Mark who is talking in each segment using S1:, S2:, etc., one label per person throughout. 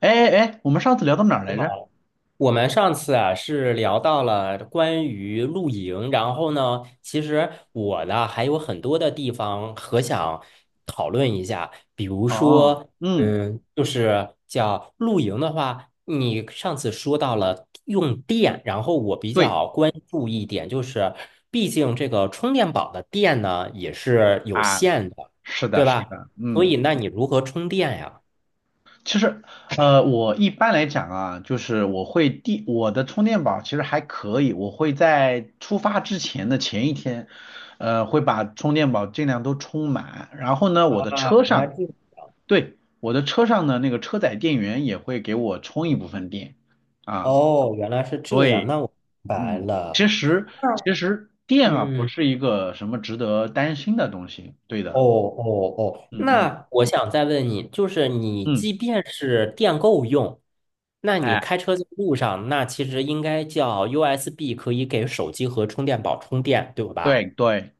S1: 哎哎哎，我们上次聊到哪儿来着？
S2: 我们上次啊是聊到了关于露营，然后呢，其实我呢还有很多的地方和想讨论一下，比如
S1: 哦，
S2: 说，
S1: 嗯，
S2: 就是叫露营的话，你上次说到了用电，然后我比
S1: 对
S2: 较关注一点，就是毕竟这个充电宝的电呢也是有
S1: 啊，
S2: 限的，
S1: 是的，
S2: 对
S1: 是
S2: 吧？
S1: 的，
S2: 所
S1: 嗯，
S2: 以那你如何充电呀？
S1: 其实我一般来讲啊，就是我会我的充电宝其实还可以，我会在出发之前的前一天，会把充电宝尽量都充满，然后呢，
S2: 啊，
S1: 我的车
S2: 原来
S1: 上，
S2: 这
S1: 对，我的车上呢那个车载电源也会给我充一部分电啊，
S2: 哦，原来是这样，
S1: 对。
S2: 那我明白
S1: 嗯，其
S2: 了。
S1: 实其实电啊不
S2: 嗯，
S1: 是一个什么值得担心的东西，对
S2: 哦
S1: 的，
S2: 哦哦，
S1: 嗯嗯
S2: 那我想再问你，就是你
S1: 嗯，
S2: 即便是电够用，那你
S1: 哎，
S2: 开车在路上，那其实应该叫 USB 可以给手机和充电宝充电，对
S1: 对
S2: 吧？
S1: 对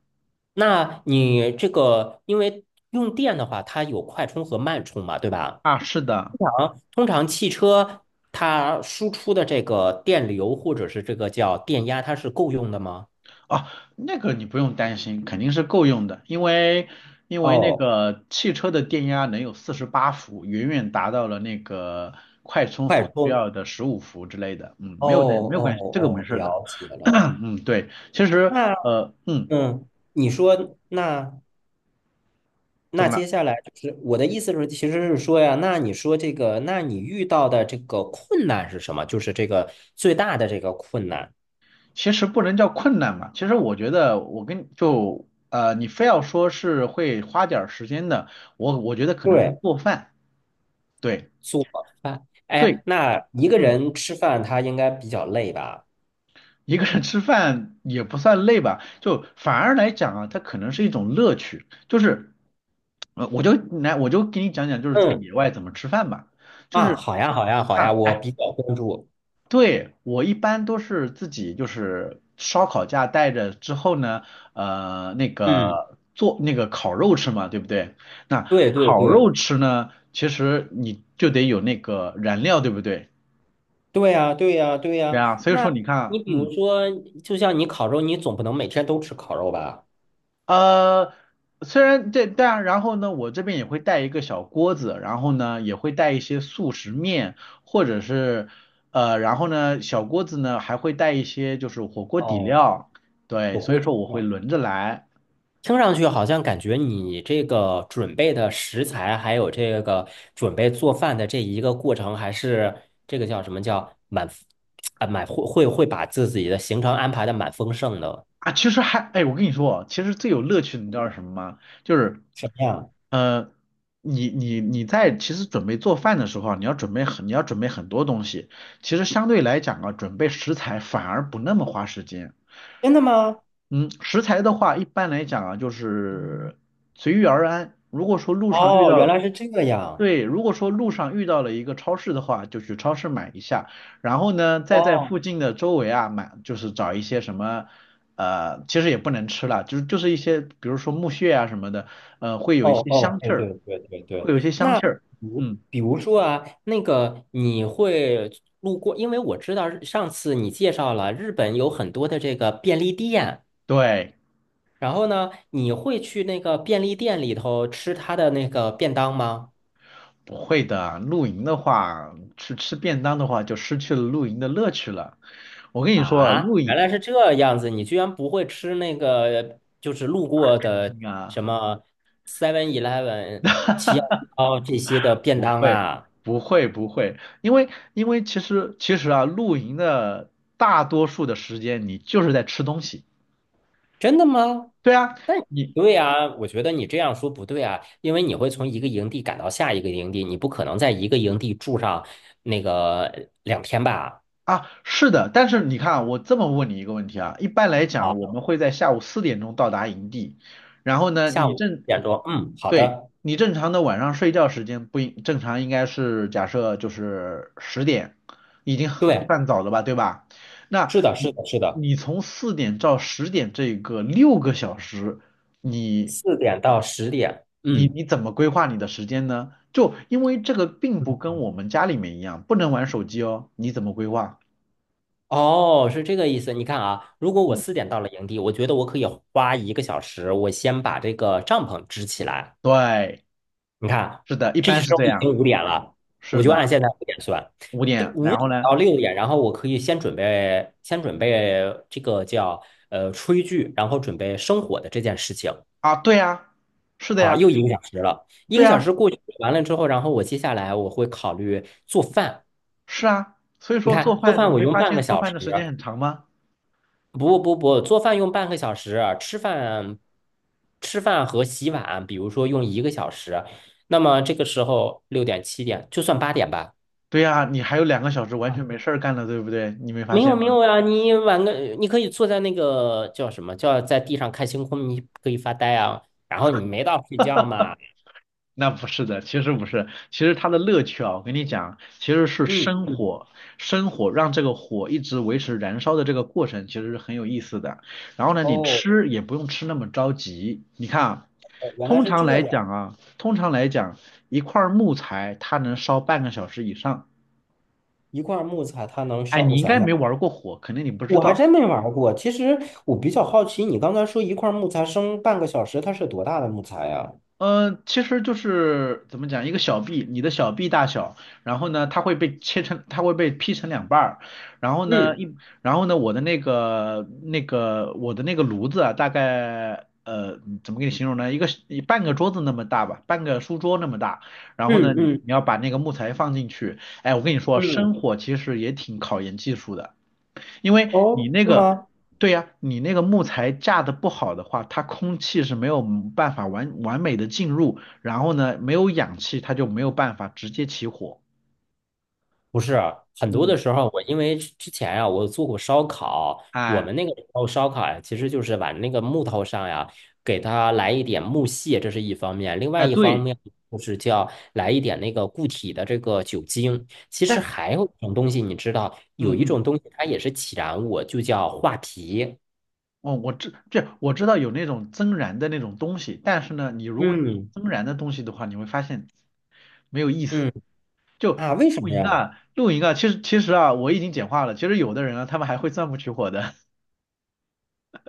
S2: 那你这个因为用电的话，它有快充和慢充嘛，对吧？
S1: 啊，是的，
S2: 通常汽车它输出的这个电流或者是这个叫电压，它是够用的吗？
S1: 哦，那个你不用担心，肯定是够用的，因为那
S2: 哦，
S1: 个汽车的电压能有48伏，远远达到了那个快充
S2: 快
S1: 所需
S2: 充。
S1: 要的15伏之类的，嗯，
S2: 哦
S1: 没有
S2: 哦
S1: 关系，这个没
S2: 哦，
S1: 事的，
S2: 了解 了。
S1: 嗯，对，其实
S2: 那
S1: 呃嗯，
S2: 嗯，你说那
S1: 怎
S2: 那
S1: 么了？
S2: 接下来就是我的意思是，其实是说呀，那你说这个，那你遇到的这个困难是什么？就是这个最大的这个困难。
S1: 其实不能叫困难嘛，其实我觉得我你非要说是会花点儿时间的，我觉得可能是
S2: 对，
S1: 做饭，对
S2: 做饭。
S1: 对，
S2: 哎，那一个
S1: 嗯，
S2: 人吃饭他应该比较累吧？
S1: 一个人吃饭也不算累吧，就反而来讲啊，它可能是一种乐趣，就是我就来我就给你讲讲就是在
S2: 嗯
S1: 野外怎么吃饭吧，就
S2: 啊，
S1: 是
S2: 好呀，好呀，好呀，
S1: 让，
S2: 我
S1: 哎。
S2: 比较关注。
S1: 对，我一般都是自己就是烧烤架带着之后呢，那
S2: 嗯，
S1: 个做那个烤肉吃嘛，对不对？那
S2: 对对
S1: 烤
S2: 对，
S1: 肉吃呢，其实你就得有那个燃料，对不对？
S2: 对呀，对呀，对
S1: 对
S2: 呀。
S1: 啊，所以
S2: 那
S1: 说你
S2: 你
S1: 看，
S2: 比如
S1: 嗯。
S2: 说，就像你烤肉，你总不能每天都吃烤肉吧？
S1: 呃，虽然这，但然后呢，我这边也会带一个小锅子，然后呢，也会带一些速食面，或者是然后呢，小锅子呢还会带一些就是火锅底
S2: 哦，
S1: 料，
S2: 火
S1: 对，所
S2: 锅
S1: 以
S2: 底
S1: 说我会
S2: 料，
S1: 轮着来
S2: 听上去好像感觉你这个准备的食材，还有这个准备做饭的这一个过程，还是这个叫什么叫啊，会把自己的行程安排的蛮丰盛的，
S1: 啊。其实还，哎，我跟你说，其实最有乐趣的你知道是什么吗？就是
S2: 什么呀？
S1: 呃，你在其实准备做饭的时候啊你要准备很多东西，其实相对来讲啊，准备食材反而不那么花时间。
S2: 真的吗？
S1: 嗯，食材的话，一般来讲啊，就是随遇而安。如果说路上遇
S2: 哦，
S1: 到
S2: 原
S1: 了，
S2: 来是这样。
S1: 对，如果说路上遇到了一个超市的话，就去超市买一下，然后呢，再在
S2: 哦
S1: 附近的周围啊买，就是找一些什么，其实也不能吃了，就是一些，比如说木屑啊什么的，会有一
S2: 哦
S1: 些
S2: 哦，
S1: 香气
S2: 对
S1: 儿，
S2: 对对对对。
S1: 会有一些香
S2: 那
S1: 气
S2: 比
S1: 儿。
S2: 如
S1: 嗯，
S2: 比如说啊，那个你会路过，因为我知道上次你介绍了日本有很多的这个便利店。
S1: 对，
S2: 然后呢，你会去那个便利店里头吃他的那个便当吗？
S1: 不会的。露营的话，去吃便当的话，就失去了露营的乐趣了。我跟你说啊，
S2: 啊，
S1: 露
S2: 原
S1: 营。
S2: 来是这样子，你居然不会吃那个，就是路过的
S1: 啊，
S2: 什么 Seven Eleven、七幺幺这些的便
S1: 不
S2: 当
S1: 会，
S2: 啊？
S1: 不会，不会，因为其实啊，露营的大多数的时间你就是在吃东西。
S2: 真的吗？
S1: 对啊，
S2: 但
S1: 你
S2: 对啊，我觉得你这样说不对啊，因为你会从一个营地赶到下一个营地，你不可能在一个营地住上那个两天吧？
S1: 啊，是的，但是你看啊我这么问你一个问题啊，一般来讲，我
S2: 好，
S1: 们会在下午4点钟到达营地，然后呢，
S2: 下
S1: 你
S2: 午四
S1: 正，
S2: 点钟，嗯，好
S1: 对，
S2: 的，
S1: 你正常的晚上睡觉时间不应，正常应该是假设就是十点，已经很
S2: 对，
S1: 算早了吧，对吧？那
S2: 是的，是
S1: 你
S2: 的，是的。
S1: 从4点到10点这个6个小时，你
S2: 四点到十点，
S1: 你
S2: 嗯，
S1: 你怎么规划你的时间呢？就因为这个并不跟我们家里面一样，不能玩手机哦，你怎么规划？
S2: 哦，是这个意思。你看啊，如果我
S1: 嗯。
S2: 四点到了营地，我觉得我可以花一个小时，我先把这个帐篷支起来。
S1: 对，
S2: 你看，
S1: 是的，一
S2: 这
S1: 般是
S2: 时候
S1: 这
S2: 已
S1: 样，
S2: 经五点了，我
S1: 是
S2: 就按
S1: 的，
S2: 现在五点算，
S1: 五点，
S2: 五
S1: 然
S2: 点
S1: 后呢？
S2: 到六点，然后我可以先准备，先准备这个叫炊具，然后准备生火的这件事情。
S1: 啊，对呀，是的
S2: 好，
S1: 呀，
S2: 又一个小时了，一
S1: 对
S2: 个小
S1: 呀，
S2: 时过去完了之后，然后我接下来我会考虑做饭。
S1: 是啊，所以
S2: 你
S1: 说做
S2: 看，做
S1: 饭，
S2: 饭
S1: 你
S2: 我
S1: 没
S2: 用
S1: 发
S2: 半个
S1: 现做
S2: 小
S1: 饭
S2: 时，
S1: 的时间很长吗？
S2: 不不不，做饭用半个小时，吃饭和洗碗，比如说用一个小时，那么这个时候六点七点就算八点吧。
S1: 对呀，你还有2个小时完全没事儿干了，对不对？你没发
S2: 没有
S1: 现吗？
S2: 没有呀，你晚个你可以坐在那个叫什么叫在地上看星空，你可以发呆啊。然后你没到睡觉嘛，
S1: 那不是的，其实不是，其实它的乐趣啊，我跟你讲，其实是
S2: 嗯
S1: 生
S2: 嗯，
S1: 火，生火让这个火一直维持燃烧的这个过程，其实是很有意思的。然后呢，你
S2: 哦
S1: 吃也不用吃那么着急。你看啊，
S2: 哦原来
S1: 通
S2: 是
S1: 常
S2: 这
S1: 来
S2: 样，
S1: 讲啊，通常来讲，一块儿木材它能烧半个小时以上。
S2: 一块木材它能
S1: 哎，
S2: 烧，
S1: 你
S2: 我
S1: 应
S2: 想
S1: 该
S2: 想。
S1: 没玩过火，肯定你不知
S2: 我还
S1: 道。
S2: 真没玩过，其实我比较好奇，你刚才说一块木材生半个小时，它是多大的木材呀？
S1: 嗯，其实就是怎么讲，一个小臂，你的小臂大小，然后呢，它会被劈成两半儿，然后呢，我的那个我的那个炉子啊，大概怎么给你形容呢？一个半个桌子那么大吧，半个书桌那么大，然后呢，
S2: 嗯
S1: 你
S2: 嗯
S1: 你要把那个木材放进去，哎，我跟你说，
S2: 嗯，
S1: 生火其实也挺考验技术的。因为你
S2: 哦，
S1: 那
S2: 是
S1: 个，
S2: 吗？
S1: 对呀，你那个木材架的不好的话，它空气是没有办法完美的进入，然后呢，没有氧气，它就没有办法直接起火。
S2: 不是，很多的
S1: 嗯，
S2: 时候我因为之前呀，我做过烧烤，我
S1: 哎
S2: 们那个时候烧烤呀，其实就是往那个木头上呀，给它来一点木屑，这是一方面；另外
S1: 哎，
S2: 一方
S1: 对，
S2: 面就是叫来一点那个固体的这个酒精。其实
S1: 但
S2: 还有一种东西，你知道，有
S1: 嗯
S2: 一
S1: 嗯，
S2: 种东西它也是起燃物，就叫画皮。
S1: 哦，我知道有那种增燃的那种东西，但是呢，你如果用
S2: 嗯
S1: 增燃的东西的话，你会发现没有意思。
S2: 嗯
S1: 就
S2: 啊，为什
S1: 露
S2: 么
S1: 营
S2: 呀？
S1: 啊，露营啊，其实啊，我已经简化了。其实有的人啊，他们还会钻木取火的。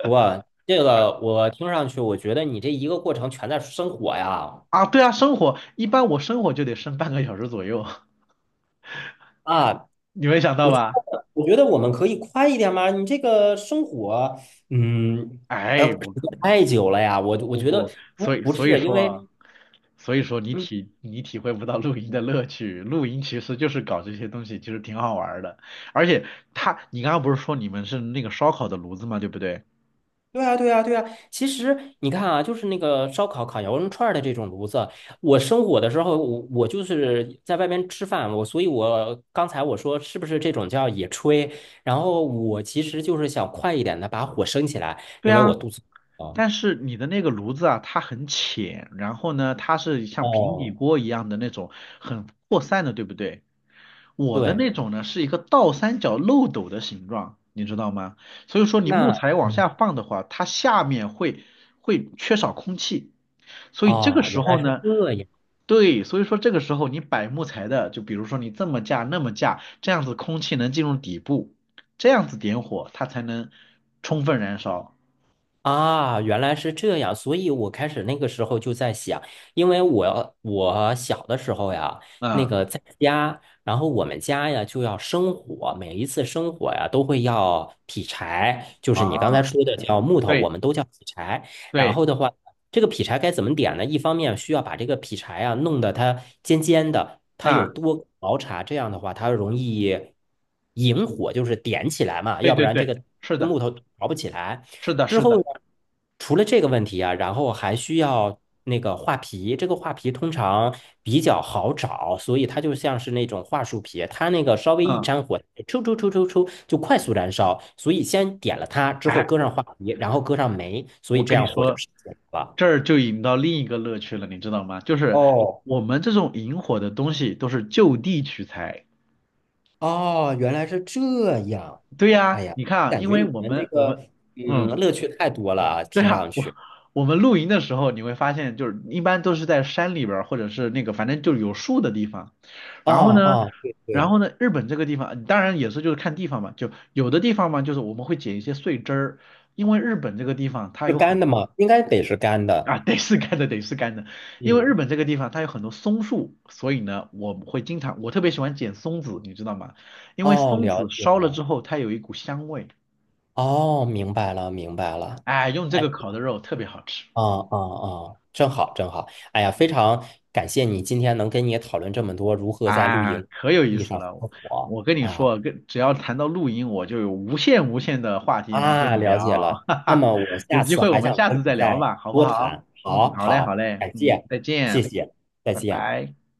S2: 不过这个我听上去，我觉得你这一个过程全在生火呀。
S1: 啊，对啊，生火一般我生火就得生半个小时左右，
S2: 啊，
S1: 你没想到
S2: 我觉
S1: 吧？
S2: 我觉得我们可以快一点吗？你这个生火，嗯，
S1: 哎，
S2: 时
S1: 我
S2: 间太久了呀。我
S1: 我
S2: 我
S1: 不
S2: 觉得
S1: 不，
S2: 不
S1: 所以
S2: 不
S1: 所以
S2: 是因
S1: 说
S2: 为，
S1: 啊所以说你
S2: 嗯，
S1: 体你体会不到露营的乐趣，露营其实就是搞这些东西，其实挺好玩儿的。而且他，你刚刚不是说你们是那个烧烤的炉子嘛，对不对？
S2: 对啊，对啊，对啊。其实你看啊，就是那个烧烤、烤羊肉串儿的这种炉子，我生火的时候，我就是在外面吃饭，所以，我刚才说是不是这种叫野炊？然后我其实就是想快一点的把火升起来，
S1: 对
S2: 因为我
S1: 啊，
S2: 肚子饿。
S1: 但是你的那个炉子啊，它很浅，然后呢，它是像平底
S2: 哦，
S1: 锅一样的那种很扩散的，对不对？我的
S2: 对，
S1: 那种呢是一个倒三角漏斗的形状，你知道吗？所以说你木
S2: 那。
S1: 材往下放的话，它下面会缺少空气，所以这个
S2: 哦，
S1: 时
S2: 原
S1: 候
S2: 来是
S1: 呢，
S2: 这样。
S1: 对，所以说这个时候你摆木材的，就比如说你这么架那么架，这样子空气能进入底部，这样子点火它才能充分燃烧。
S2: 啊，原来是这样，所以我开始那个时候就在想，因为我小的时候呀，那
S1: 嗯。
S2: 个在家，然后我们家呀就要生火，每一次生火呀都会要劈柴，就是你刚才
S1: 啊，
S2: 说的叫木头，我
S1: 对
S2: 们都叫劈柴。然
S1: 对，
S2: 后的话，这个劈柴该怎么点呢？一方面需要把这个劈柴啊弄得它尖尖的，它有
S1: 啊，
S2: 多个毛茬，这样的话它容易引火，就是点起来嘛，
S1: 对
S2: 要不
S1: 对
S2: 然这
S1: 对，
S2: 个
S1: 是的，
S2: 木头着不起来。
S1: 是的，
S2: 之
S1: 是
S2: 后
S1: 的，
S2: 呢，除了这个问题啊，然后还需要那个画皮，这个画皮通常比较好找，所以它就像是那种桦树皮，它那个稍微一
S1: 嗯，
S2: 沾火，抽抽抽抽抽就快速燃烧，所以先点了它，之后
S1: 哎，
S2: 搁上桦皮，然后搁上煤，所以
S1: 我
S2: 这
S1: 跟你
S2: 样火就
S1: 说，
S2: 升了。
S1: 这儿就引到另一个乐趣了，你知道吗？就是
S2: 哦
S1: 我们这种引火的东西都是就地取材。
S2: 哦，原来是这样，
S1: 对
S2: 哎
S1: 呀，
S2: 呀，
S1: 你看啊
S2: 感
S1: 因
S2: 觉
S1: 为
S2: 你
S1: 我
S2: 们这
S1: 们我
S2: 个
S1: 们，嗯。
S2: 乐趣太多了啊，
S1: 对
S2: 听上
S1: 啊，我
S2: 去。
S1: 我们露营的时候，你会发现，就是一般都是在山里边儿，或者是那个反正就是有树的地方。
S2: 啊
S1: 然后呢，
S2: 啊，对对，
S1: 日本这个地方，当然也是就是看地方嘛，就有的地方嘛，就是我们会捡一些碎枝儿，因为日本这个地方它
S2: 是
S1: 有
S2: 干
S1: 很
S2: 的
S1: 多
S2: 吗？应该得是干的。
S1: 啊，得是干的，得是干的，因为日
S2: 嗯。
S1: 本这个地方它有很多松树，所以呢，我会经常，我特别喜欢捡松子，你知道吗？因为
S2: 哦，
S1: 松
S2: 了
S1: 子
S2: 解
S1: 烧了之
S2: 了，
S1: 后，它有一股香味，
S2: 哦，明白了，明白了。
S1: 哎，用这
S2: 哎，
S1: 个烤的肉特别好吃。
S2: 哦哦哦，正好正好。哎呀，
S1: 嗯
S2: 非常感谢你今天能跟你讨论这么多如何在露
S1: 啊，
S2: 营
S1: 可有意
S2: 地
S1: 思
S2: 上生
S1: 了！
S2: 活
S1: 我跟你
S2: 啊
S1: 说，跟只要谈到露营，我就有无限无限的话题能跟
S2: 啊，
S1: 你
S2: 了
S1: 聊，
S2: 解 了。
S1: 哈
S2: 那
S1: 哈。
S2: 么我
S1: 有
S2: 下
S1: 机
S2: 次
S1: 会我
S2: 还
S1: 们
S2: 想
S1: 下
S2: 跟
S1: 次
S2: 你
S1: 再聊
S2: 再
S1: 吧，好不
S2: 多
S1: 好？
S2: 谈。
S1: 嗯，
S2: 好
S1: 好嘞，好
S2: 好，
S1: 嘞，
S2: 感
S1: 嗯，
S2: 谢，
S1: 再
S2: 谢
S1: 见，
S2: 谢，再
S1: 拜
S2: 见。
S1: 拜。